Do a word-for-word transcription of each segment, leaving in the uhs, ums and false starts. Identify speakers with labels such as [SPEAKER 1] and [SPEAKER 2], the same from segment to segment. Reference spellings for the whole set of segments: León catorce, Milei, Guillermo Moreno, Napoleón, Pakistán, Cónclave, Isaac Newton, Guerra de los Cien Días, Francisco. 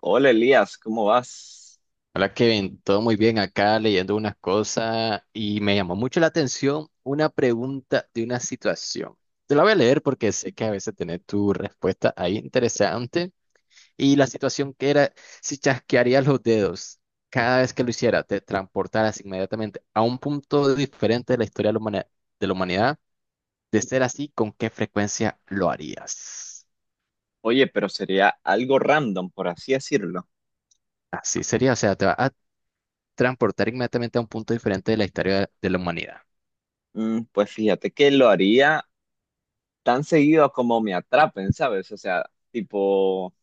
[SPEAKER 1] Hola Elías, ¿cómo vas?
[SPEAKER 2] Hola Kevin, todo muy bien acá leyendo unas cosas y me llamó mucho la atención una pregunta de una situación. Te la voy a leer porque sé que a veces tenés tu respuesta ahí interesante. Y la situación que era si chasquearías los dedos cada vez que lo hiciera te transportaras inmediatamente a un punto diferente de la historia de la humana- de la humanidad. De ser así, ¿con qué frecuencia lo harías?
[SPEAKER 1] Oye, pero sería algo random, por así decirlo.
[SPEAKER 2] Así sería, o sea, te va a transportar inmediatamente a un punto diferente de la historia de la humanidad.
[SPEAKER 1] Mm, pues fíjate que lo haría tan seguido como me atrapen, ¿sabes? O sea, tipo,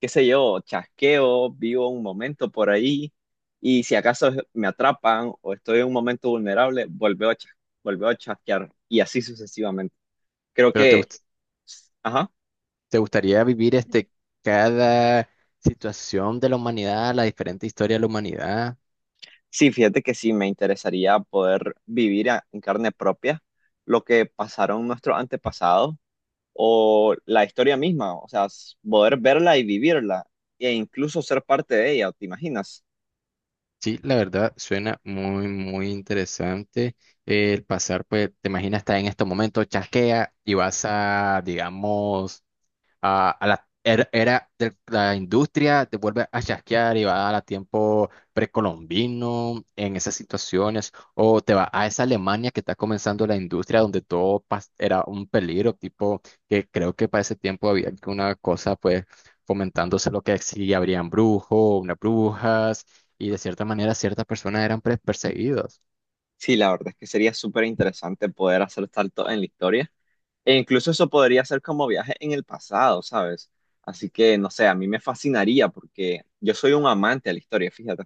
[SPEAKER 1] qué sé yo, chasqueo, vivo un momento por ahí y si acaso me atrapan o estoy en un momento vulnerable, vuelvo a, chas- vuelvo a chasquear y así sucesivamente. Creo
[SPEAKER 2] Pero te,
[SPEAKER 1] que,
[SPEAKER 2] gust-
[SPEAKER 1] ajá,
[SPEAKER 2] ¿Te gustaría vivir este, cada situación de la humanidad, la diferente historia de la humanidad?
[SPEAKER 1] sí, fíjate que sí, me interesaría poder vivir a- en carne propia lo que pasaron nuestros antepasados o la historia misma, o sea, s- poder verla y vivirla e incluso ser parte de ella, ¿te imaginas?
[SPEAKER 2] Sí, la verdad suena muy, muy interesante. El pasar, pues, te imaginas, estar en estos momentos, chasquea y vas a, digamos, a, a la era era de la industria, te vuelve a chasquear y va a la tiempo precolombino en esas situaciones, o te va a esa Alemania que está comenzando la industria donde todo pas- era un peligro, tipo que creo que para ese tiempo había una cosa pues fomentándose lo que si habrían brujos, unas brujas, y de cierta manera ciertas personas eran pre- perseguidas.
[SPEAKER 1] Sí, la verdad es que sería súper interesante poder hacer salto en la historia e incluso eso podría ser como viaje en el pasado, ¿sabes? Así que, no sé, a mí me fascinaría porque yo soy un amante de la historia, fíjate.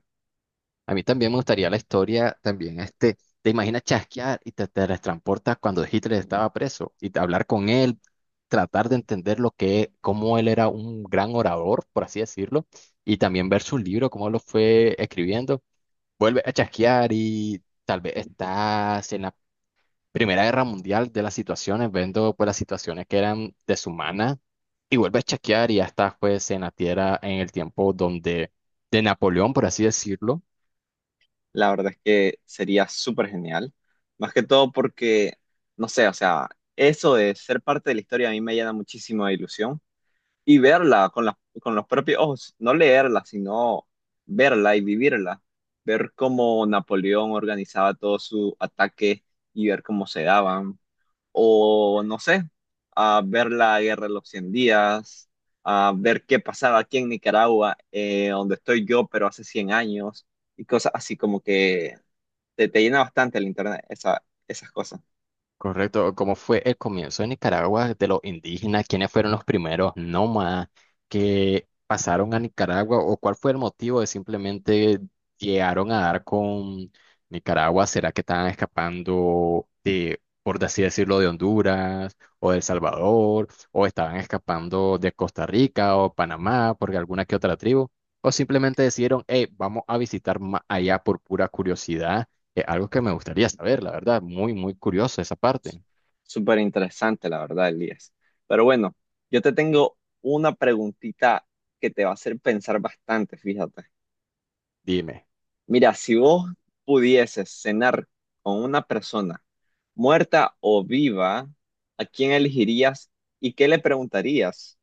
[SPEAKER 2] A mí también me gustaría la historia, también este, te imaginas chasquear y te, te transportas cuando Hitler estaba preso y te- hablar con él, tratar de entender lo que, cómo él era un gran orador, por así decirlo, y también ver su libro, cómo lo fue escribiendo. Vuelve a chasquear y tal vez estás en la Primera Guerra Mundial de las situaciones, viendo pues las situaciones que eran deshumanas y vuelve a chasquear y ya estás pues en la tierra, en el tiempo donde de Napoleón, por así decirlo.
[SPEAKER 1] La verdad es que sería súper genial, más que todo porque, no sé, o sea, eso de ser parte de la historia a mí me llena muchísimo de ilusión y verla con, la- con los propios ojos, no leerla, sino verla y vivirla, ver cómo Napoleón organizaba todo su ataque y ver cómo se daban, o no sé, a ver la Guerra de los Cien Días, a ver qué pasaba aquí en Nicaragua, eh, donde estoy yo, pero hace cien años, y cosas así como que te, te llena bastante el internet, esa, esas cosas.
[SPEAKER 2] Correcto, ¿cómo fue el comienzo de Nicaragua de los indígenas? ¿Quiénes fueron los primeros nómadas que pasaron a Nicaragua? ¿O cuál fue el motivo de simplemente llegaron a dar con Nicaragua? ¿Será que estaban escapando de, por así decirlo, de Honduras o de El Salvador? ¿O estaban escapando de Costa Rica o Panamá porque alguna que otra tribu? ¿O simplemente decidieron, hey, vamos a visitar más allá por pura curiosidad? Es algo que me gustaría saber, la verdad, muy, muy curioso esa parte.
[SPEAKER 1] Súper interesante, la verdad, Elías. Pero bueno, yo te tengo una preguntita que te va a hacer pensar bastante, fíjate.
[SPEAKER 2] Dime,
[SPEAKER 1] Mira, si vos pudieses cenar con una persona muerta o viva, ¿a quién elegirías y qué le preguntarías?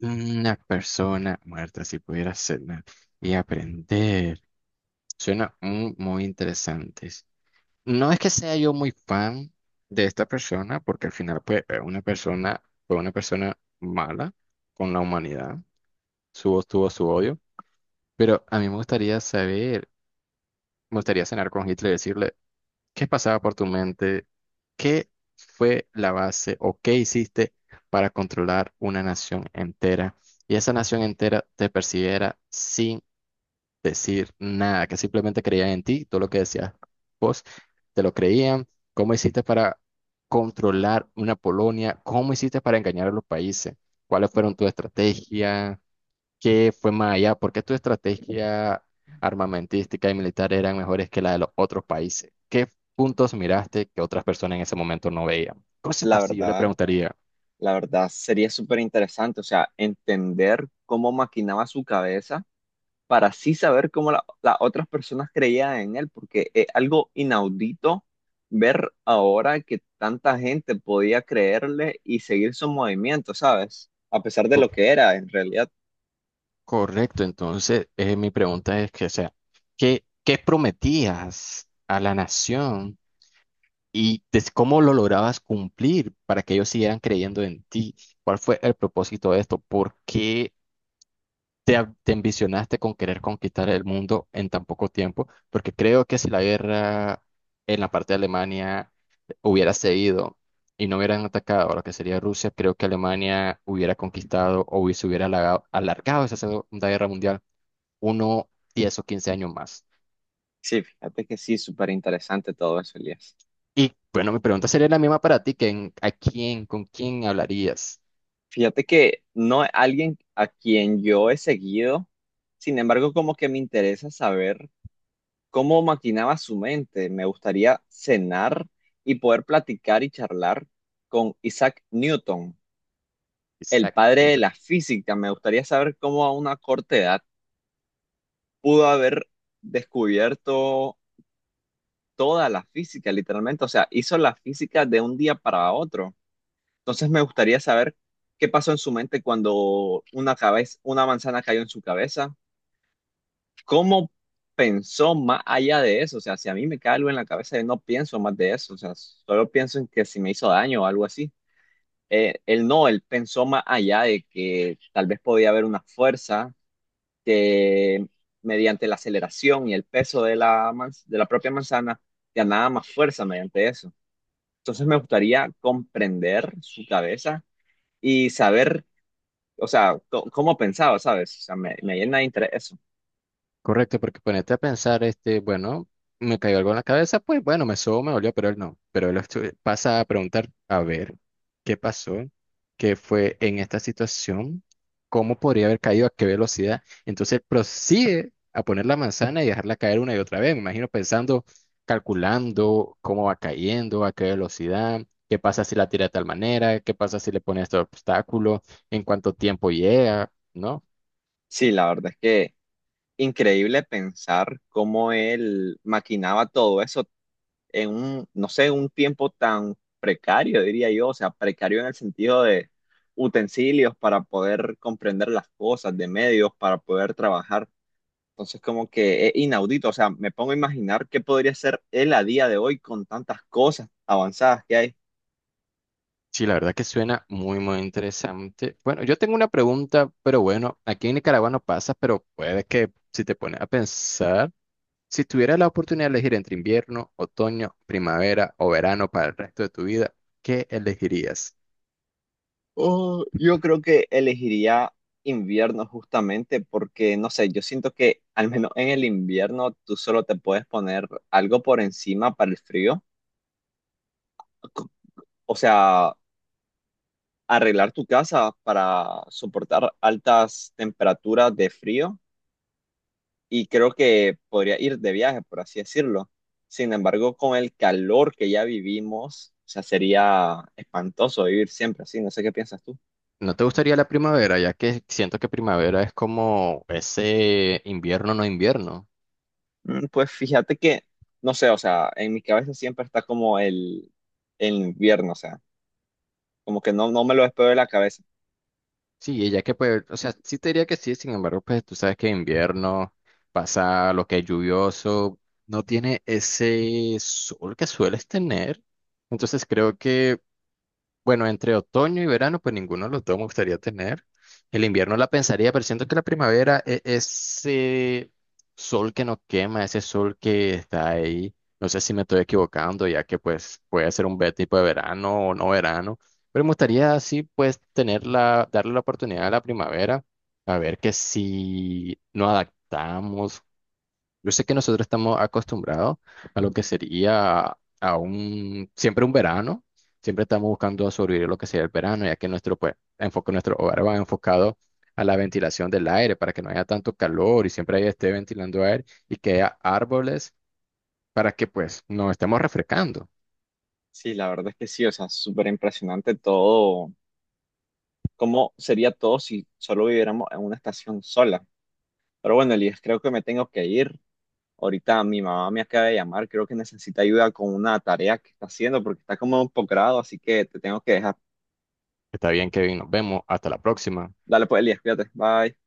[SPEAKER 2] una persona muerta si pudiera hacerla y aprender. Suena muy, muy interesante. No es que sea yo muy fan de esta persona, porque al final pues, eh, una persona fue una persona mala con la humanidad, su, tuvo su odio, pero a mí me gustaría saber, me gustaría cenar con Hitler y decirle, ¿qué pasaba por tu mente? ¿Qué fue la base o qué hiciste para controlar una nación entera? Y esa nación entera te persiguiera sin decir nada, que simplemente creían en ti, todo lo que decías vos, te lo creían. ¿Cómo hiciste para controlar una Polonia? ¿Cómo hiciste para engañar a los países? ¿Cuáles fueron tus estrategias? ¿Qué fue más allá? ¿Por qué tu estrategia armamentística y militar eran mejores que la de los otros países? ¿Qué puntos miraste que otras personas en ese momento no veían? Cosas
[SPEAKER 1] La
[SPEAKER 2] así yo le
[SPEAKER 1] verdad,
[SPEAKER 2] preguntaría.
[SPEAKER 1] la verdad, sería súper interesante, o sea, entender cómo maquinaba su cabeza para así saber cómo la- las otras personas creían en él, porque es algo inaudito ver ahora que tanta gente podía creerle y seguir su movimiento, ¿sabes? A pesar de
[SPEAKER 2] Co-
[SPEAKER 1] lo que era en realidad.
[SPEAKER 2] Correcto, entonces eh, mi pregunta es que, o sea, ¿qué, qué prometías a la nación y des- cómo lo lograbas cumplir para que ellos siguieran creyendo en ti? ¿Cuál fue el propósito de esto? ¿Por qué te, a- te ambicionaste con querer conquistar el mundo en tan poco tiempo? Porque creo que si la guerra en la parte de Alemania hubiera seguido y no hubieran atacado a lo que sería Rusia, creo que Alemania hubiera conquistado o se hubiera alargado, alargado esa Segunda Guerra Mundial uno, diez o quince años más.
[SPEAKER 1] Sí, fíjate que sí, súper interesante todo eso, Elías.
[SPEAKER 2] Y bueno, mi pregunta sería la misma para ti, que en- ¿a quién, con quién hablarías?
[SPEAKER 1] Fíjate que no es alguien a quien yo he seguido, sin embargo, como que me interesa saber cómo maquinaba su mente. Me gustaría cenar y poder platicar y charlar con Isaac Newton. El padre de
[SPEAKER 2] Exacto.
[SPEAKER 1] la física. Me gustaría saber cómo a una corta edad pudo haber descubierto toda la física, literalmente. O sea, hizo la física de un día para otro. Entonces me gustaría saber qué pasó en su mente cuando una cabeza, una manzana cayó en su cabeza. ¿Cómo pensó más allá de eso? O sea, si a mí me cae algo en la cabeza, yo no pienso más de eso. O sea, solo pienso en que si me hizo daño o algo así. Eh, él no, él pensó más allá de que tal vez podía haber una fuerza que mediante la aceleración y el peso de la, man- de la propia manzana ganaba más fuerza mediante eso. Entonces me gustaría comprender su cabeza y saber, o sea, co- cómo pensaba, ¿sabes? O sea, me, me llena de interés eso.
[SPEAKER 2] Correcto, porque ponete a pensar, este, bueno, me cayó algo en la cabeza, pues bueno, me sobó, me dolió, pero él no. Pero él estu- pasa a preguntar, a ver, ¿qué pasó? ¿Qué fue en esta situación? ¿Cómo podría haber caído? ¿A qué velocidad? Entonces prosigue a poner la manzana y dejarla caer una y otra vez. Me imagino pensando, calculando cómo va cayendo, a qué velocidad, qué pasa si la tira de tal manera, qué pasa si le pone este obstáculo, en cuánto tiempo llega, ¿no?
[SPEAKER 1] Sí, la verdad es que increíble pensar cómo él maquinaba todo eso en un, no sé, en un tiempo tan precario, diría yo, o sea, precario en el sentido de utensilios para poder comprender las cosas, de medios para poder trabajar. Entonces, como que es inaudito, o sea, me pongo a imaginar qué podría ser él a día de hoy con tantas cosas avanzadas que hay.
[SPEAKER 2] Sí, la verdad que suena muy, muy interesante. Bueno, yo tengo una pregunta, pero bueno, aquí en Nicaragua no pasa, pero puede que si te pones a pensar, si tuvieras la oportunidad de elegir entre invierno, otoño, primavera o verano para el resto de tu vida, ¿qué elegirías?
[SPEAKER 1] Oh, yo creo que elegiría invierno justamente porque, no sé, yo siento que al menos en el invierno tú solo te puedes poner algo por encima para el frío. O sea, arreglar tu casa para soportar altas temperaturas de frío y creo que podría ir de viaje, por así decirlo. Sin embargo, con el calor que ya vivimos, o sea, sería espantoso vivir siempre así. No sé qué piensas tú.
[SPEAKER 2] ¿No te gustaría la primavera, ya que siento que primavera es como ese invierno no invierno?
[SPEAKER 1] Mm, Pues fíjate que, no sé, o sea, en mi cabeza siempre está como el, el invierno, o sea, como que no, no me lo despego de la cabeza.
[SPEAKER 2] Sí, ella que pues, o sea, sí te diría que sí, sin embargo, pues tú sabes que invierno pasa lo que es lluvioso, no tiene ese sol que sueles tener. Entonces creo que bueno, entre otoño y verano, pues ninguno de los dos me gustaría tener. El invierno la pensaría, pero siento que la primavera es ese sol que nos quema, ese sol que está ahí. No sé si me estoy equivocando, ya que pues puede ser un ve- tipo de verano o no verano, pero me gustaría así pues tenerla, darle la oportunidad a la primavera, a ver que si nos adaptamos, yo sé que nosotros estamos acostumbrados a lo que sería a un, siempre un verano, siempre estamos buscando sobrevivir lo que sería el verano, ya que nuestro pues, enfoque, nuestro hogar va enfocado a la ventilación del aire para que no haya tanto calor y siempre ahí esté ventilando aire y que haya árboles para que pues nos estemos refrescando.
[SPEAKER 1] Sí, la verdad es que sí, o sea, súper impresionante todo. ¿Cómo sería todo si solo viviéramos en una estación sola? Pero bueno, Elías, creo que me tengo que ir. Ahorita mi mamá me acaba de llamar, creo que necesita ayuda con una tarea que está haciendo porque está como en un posgrado, así que te tengo que dejar.
[SPEAKER 2] Está bien, Kevin, nos vemos, hasta la próxima.
[SPEAKER 1] Dale pues, Elías, cuídate. Bye.